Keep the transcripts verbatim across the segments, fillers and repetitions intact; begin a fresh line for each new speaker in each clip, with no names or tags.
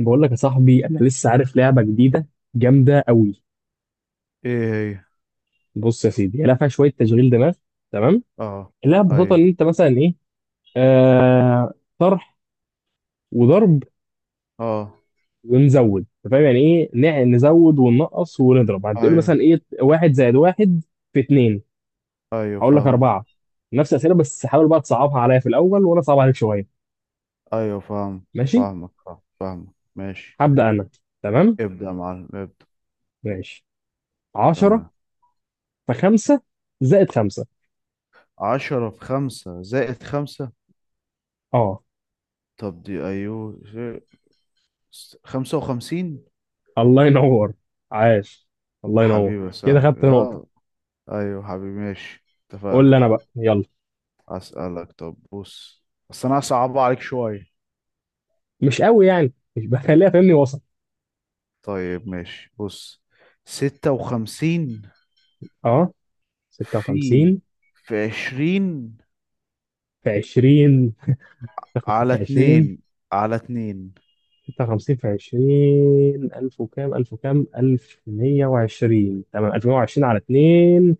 بقول لك يا صاحبي انا لسه عارف لعبه جديده جامده قوي.
ايه هي؟
بص يا سيدي هي لعبه فيها شويه تشغيل دماغ، تمام.
اه.
اللعبه ببساطه
ايوه.
ان انت مثلا ايه، آه طرح وضرب
اه.
ونزود. أنت فاهم يعني ايه، نع- نزود وننقص ونضرب. هتقول
ايوه.
مثلا ايه، واحد زائد واحد في اتنين،
ايوه
هقول لك
فاهمك.
اربعه. نفس الاسئله، بس حاول بقى تصعبها عليا في الاول وانا اصعب عليك شويه.
ايوه فاهمك
ماشي،
فاهمك فاهم- فاهمك ماشي.
هبدا انا. تمام،
ابدأ يا معلم، ابدأ.
ماشي. عشرة
تمام.
في خمسة زائد خمسة.
عشرة في خمسة زائد خمسة. طب دي ايوه زي- س- خمسة وخمسين.
الله ينور، عاش، الله ينور.
حبيبي يا
كده
صاحبي،
خدت نقطة.
اه. ايوه حبيبي، ماشي. اتفقنا.
قول لي أنا بقى، يلا.
اسألك، طب بص. بس انا هصعبها عليك شوية.
مش قوي يعني، مش بخليها فاهمني، وسط.
طيب ماشي، بص. ستة وخمسين
أه
في
ستة وخمسين
في عشرين،
في عشرين، ستة وخمسين
على
في عشرين،
اتنين، على اتنين.
ستة وخمسين في عشرين، ألف وكام، ألف وكام، ألف ومية وعشرين. تمام، ألف ومية وعشرين على اتنين.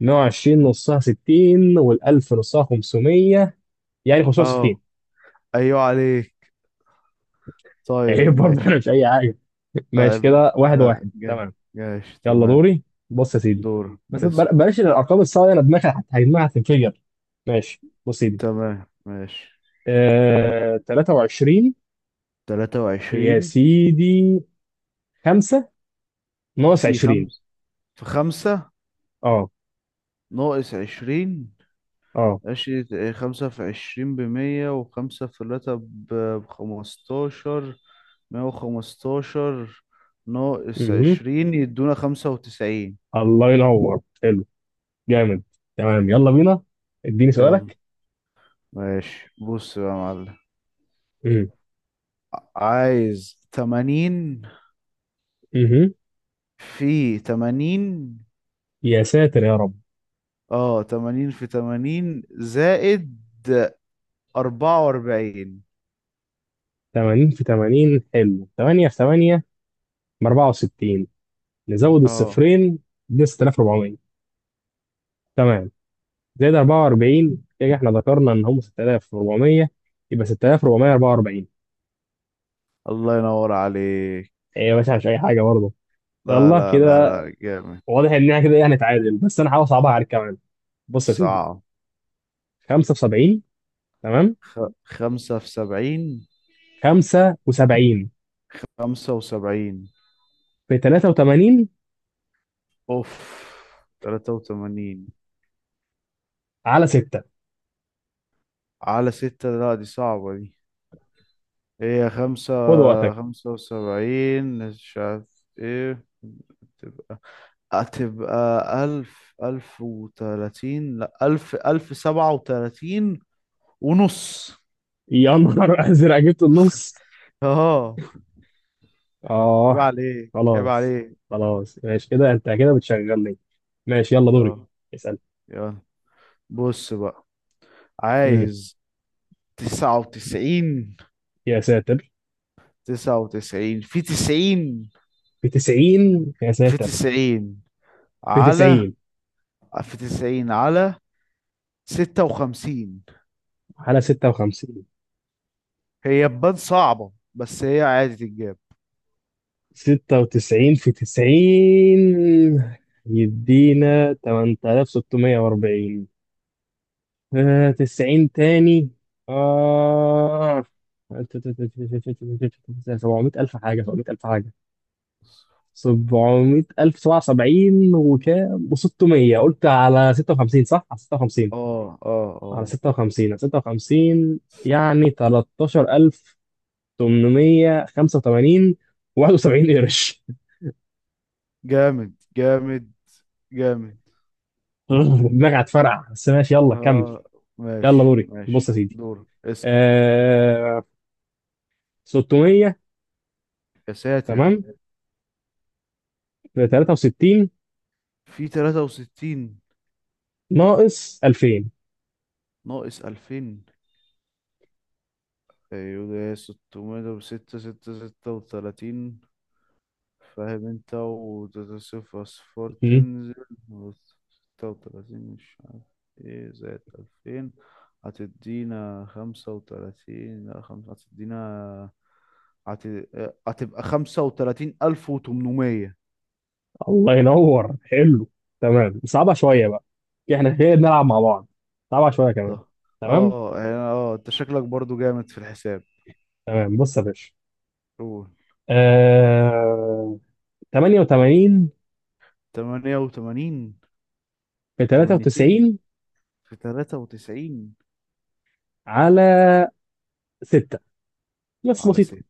مية وعشرين نصها ستين، وال1000 نصها خمسمية، يعني
اه،
خمسمية وستين.
ايوه عليك.
عيب
طيب
برضه، أنا
ماشي.
مش أي حاجة. ماشي
عيب.
كده، واحد
لا
واحد
جا-
تمام.
جاش.
يلا
تمام.
دوري. بص يا سيدي،
دور،
بس
اسأل.
بل- بلاش الارقام الصعبه دي، انا دماغي هت- هيجمعها هتنفجر. ماشي، بص يا سيدي.
تمام ماشي.
آه... تلاتة وعشرين
تلاتة
يا
وعشرين
سيدي، خمسة ناقص
في
عشرين.
خمس في خمسة،
اه،
ناقص عشرين.
اه.
عشرة، خمسة في عشرين بمية، وخمسة في تلاتة ب- بخمستاشر. مية وخمستاشر، ناقص
مهم.
عشرين يدونا خمسة وتسعين.
الله ينور، حلو، جامد. تمام، يلا بينا، اديني
يلا.
سؤالك.
ماشي، بص بقى يا معلم.
مهم.
عايز تمانين
مهم.
في تمانين،
يا ساتر يا رب.
اه تمانين في تمانين زائد أربعة وأربعين.
تمانين في تمانين، حلو. تمانية في ثمانية ب أربعة وستين، نزود
اه،
الصفرين ب ستة آلاف وأربعمية، تمام. زائد أربعة وأربعين، كده احنا ذكرنا ان هم ستة آلاف وأربعمية، يبقى ستة آلاف وأربعمية وأربعة وأربعين.
الله ينور عليك.
ايه بس مش اي حاجه برضه.
لا
يلا
لا
كده.
لا لا، جامد.
واضح ان احنا كده يعني تعادل، بس انا هحاول اصعبها عليك كمان. بص يا سيدي،
صعب.
خمسة وسبعين. تمام،
خ... خمسة في سبعين.
خمسة وسبعين
خمسة وسبعين،
في تلاتة وتمانين
أوف، تلاتة وتمانين،
على ستة.
على ستة. لا، دي صعبة دي. هي خمسة.
خد وقتك.
خمسة وسبعين، مش عارف ايه. تبقى هتبقى ألف، ألف وتلاتين، لأ ألف، ألف سبعة وتلاتين ونص.
يا نهار ازرق، جبت النص.
اه، عيب
اه.
عليك، عيب
خلاص،
عليك،
خلاص. ماشي كده، انت كده بتشغلني. ماشي، يلا دوري
اه.
اسال.
يلا، بص بقى.
امم
عايز تسعة وتسعين
يا ساتر.
تسعة وتسعين في تسعين
في تسعين، يا
في
ساتر،
تسعين
في
على
تسعين.
في تسعين على ستة وخمسين.
حالة ستة وخمسين.
هي تبان صعبة بس هي عادي تتجاب.
ستة وتسعين في تسعين يدينا تمانية آلاف وستمية وأربعين. آه تسعين تاني. آه سبعمية ألف حاجة، سبعمية ألف حاجة، سبعمية ألف سبعة وسبعين وكام، وستمية. قلت على ستة وخمسين صح؟ على ستة وخمسين،
اه، اه،
على
اه،
ستة وخمسين، على ستة وخمسين، يعني تلتاشر ألف وتمنمية وخمسة وتمانين وواحد وسبعين قرش.
جامد جامد جامد.
دماغي هتفرقع، بس ماشي، يلا كمل.
اه،
يلا
ماشي
دوري، بص
ماشي.
يا سيدي.
دور، اسأل.
آه ستمية،
يا ساتر.
تمام. في تلاتة وستين
في تلاتة وستين،
ناقص ألفين.
ناقص عشرين. ايوه، ستمائة وستة، ستمائة وستة وثلاثين. فاهم انت؟ و صفر، اصفار
مم.
تنزل، و ستة وتلاتين مش عارف ايه، زائد ألفان هتدينا خمسة وتلاتين، لا خمسة هتدينا، هت... هتبقى خمسة وتلاتين ألف وتمنمية.
الله ينور، حلو. تمام، صعبة شوية بقى. احنا كده بنلعب مع بعض. صعبة شوية كمان.
صح.
تمام،
اه، يعني، اه انت شكلك برضو جامد في الحساب.
تمام. بص يا باشا.
قول.
آه تمانية وتمانين
تمانية وتمانين.
في
اتنين وتمانين
تلاتة وتسعين
في ثلاثة وتسعين،
على ستة، بس
على
بسيطة.
ست.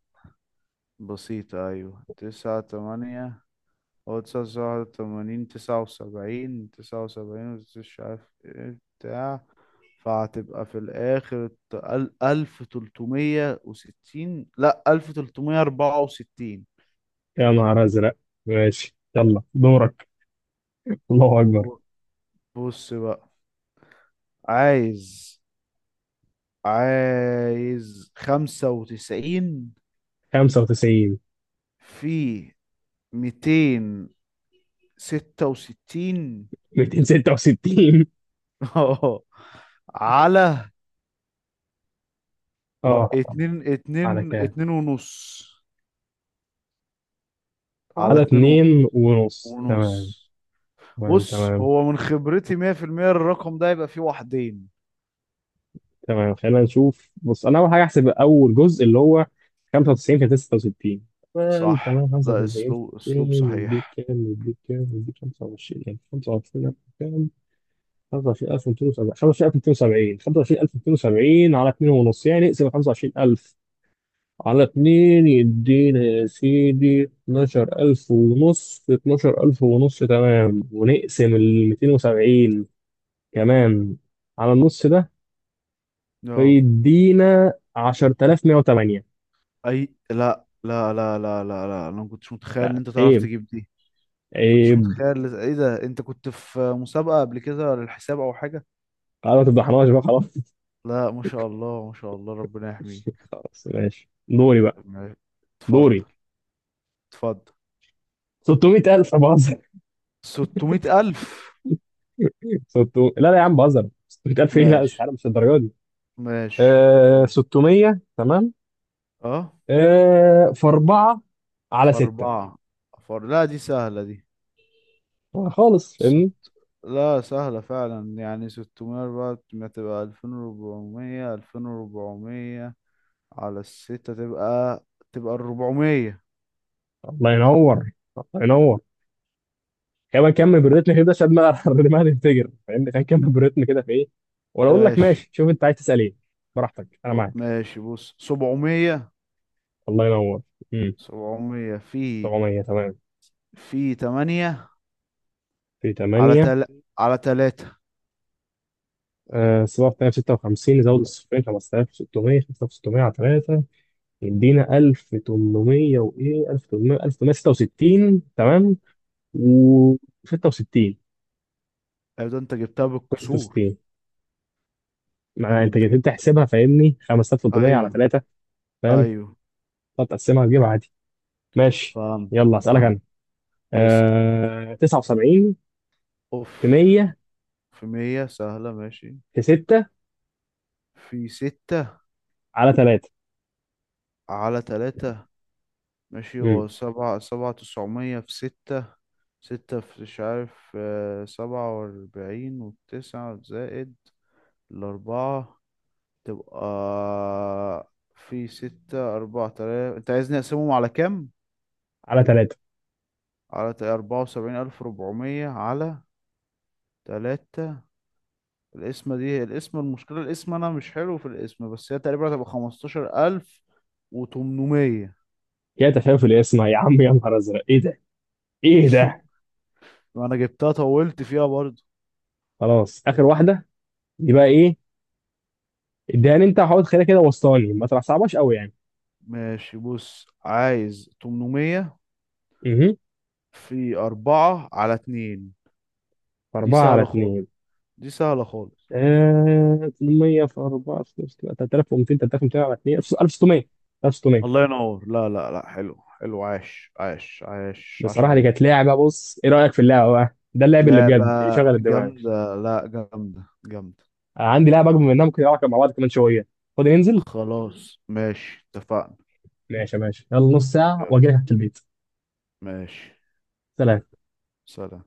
بسيطة، أيوة. تسعة تمانية. هو تسعة، واحد وتمانين، تسعة وسبعين، تسعة وسبعين، مش عارف ايه بتاع. فهتبقى في الآخر ت- ال- ألف تلتمية وستين، لأ ألف تلتمية أربعة وستين.
يا نهار أزرق. ماشي، يلا دورك. الله أكبر.
بص بقى، عايز عايز خمسة وتسعين
خمسة وتسعين
في ميتين ستة وستين،
مائتين وستة وستين.
اه، على
اه،
اتنين
على
اتنين
كام؟
اتنين ونص، على
على
اتنين
اتنين ونص، تمام.
ونص.
تمام،
بص،
تمام،
هو من خبرتي مية في المية، الرقم ده يبقى فيه واحدين.
تمام. خلينا نشوف. بص، انا اول حاجه احسب اول جزء، اللي هو خمسة وتسعين في ستة وستين. تمام،
صح،
تمام.
ده
خمسة وتسعين في
اسلوب اسلوب
ميتين يديك
صحيح.
كام، يديك كام، يديك خمسة وعشرين ألف، خمسة وعشرين ألف. كام؟ خمسة وعشرين ألف وميتين وسبعين، خمسة وعشرين ألف وميتين وسبعين. خمسة وعشرين ألف وميتين وسبعين على اتنين ونص، يعني اقسم خمسة وعشرين ألف على اتنين يدينا يا سيدي اتناشر ألف ونص، اتناشر ألف ونص، تمام. ونقسم الميتين وسبعين كمان على النص ده،
اه.
فيدينا عشرة آلاف مية وتمانية.
اي، لا لا لا لا لا لا، انا ما كنتش متخيل ان
لا،
انت تعرف
عيب،
تجيب دي. كنتش
عيب.
متخيل، ايه ده، انت كنت في مسابقة قبل كده للحساب او حاجة؟
خلاص ما تفضحناش بقى، خلاص.
لا، ما شاء الله، ما شاء الله، ربنا يحميك.
خلاص، ماشي، دوري بقى،
ماشي. اتفضل،
دوري.
اتفضل.
ستمية ألف، بهزر.
ستمائة ألف.
ستمية، لا لا يا عم بهزر، ستمية ألف ايه، لا
ماشي
استحاله مش الدرجه دي.
ماشي.
آه
ماشي.
ستمية، تمام.
اه،
آه في أربعة على
في
ستة.
أربعة. فر... لا، دي سهلة دي.
خالص،
س-
فاهمني.
لا، سهلة فعلا، يعني ستمائة بقى، تبقى ألفين وأربعمائة. ألفين وأربعمية على الستة، تبقى، تبقى أربعمية.
الله ينور، الله ينور. كمان كمل بالريتم كده، ساب ما الرماية تنفجر، فاهمني، كان كمل بالريتم كده. في ايه، ولا اقول لك؟
ماشي.
ماشي، شوف انت عايز تسال ايه، براحتك، انا
ب...
معاك.
ماشي، بص، سبعمائة.
الله ينور. امم
سبعمية في
سبعمية، تمام.
في ثمانية،
في
على
تمانية.
تل... على تلاتة.
آه صفر تاني، ستة وخمسين، زود الصفرين خمسة آلاف وستمية. خمسة آلاف وستمية على تلاتة يدينا ألف وتمنمية وايه، ألف وتمنمية، ألف وتمنمية وستة وستين. تمام. وستة وستين،
ايوه، ده انت جبتها بالكسور.
ستة وستين. ما
ده
انت
انت
جيت انت
جبت.
تحسبها، فاهمني، خمسة آلاف وثلاثمائة على
ايوه.
تلاتة. فاهم،
ايوه،
هتقسمها تجيبها. ماشي،
فهمت
يلا اسالك
فهمت.
انا.
اسأل.
آه... تسعة وسبعين
اوف.
في مية
في مية، سهلة ماشي.
في ستة
في ستة،
على تلاتة.
على تلاتة. ماشي. هو
امم
سبعة، سبعة تسعمية في ستة، ستة في مش عارف، آه، سبعة وأربعين وتسعة، زائد الأربعة، تبقى في ستة، أربعة تلاتة. أنت عايزني أقسمهم على كام؟
على تلاتة.
على أربعة وسبعين ألف ربعمية، على تلاتة. الاسم دي، الاسم المشكلة الاسم، أنا مش حلو في الاسم، بس هي تقريبا هتبقى خمستاشر ألف وتمنمية.
يا تفاؤل، يا اسمع يا عم، يا نهار ازرق، ايه ده؟ ايه ده؟
وأنا جبتها، طولت فيها برضو.
خلاص، اخر واحده. دي بقى ايه؟ اديها لي انت، وحاول تخليها كده وسطاني، ما تصعبهاش قوي يعني.
ماشي بص، عايز تمنمية
امم
في أربعة، على اتنين. دي
أربعة على
سهلة خالص.
اتنين.
دي سهلة خالص.
آه... تمنمية في أربعة في تلاتة آلاف وميتين. تلاتة آلاف وميتين على اتنين، ألف وستمية. ألف وستمية.
الله ينور. لا لا لا، حلو حلو، عاش عاش عاش عاش
بصراحه دي
عليك.
كانت لعبه. بص، ايه رايك في اللعبه بقى؟ ده اللعب اللي
لعبة
بجد، اللي شغل الدماغ.
جامدة، لا، جامدة جامدة.
عندي لعبه اكبر منها، ممكن نلعبها مع بعض كمان شويه. فاضي ننزل؟
خلاص ماشي، اتفقنا.
ماشي، ماشي. يلا، نص ساعه واجي لك تحت البيت.
ماشي.
سلام.
سلام.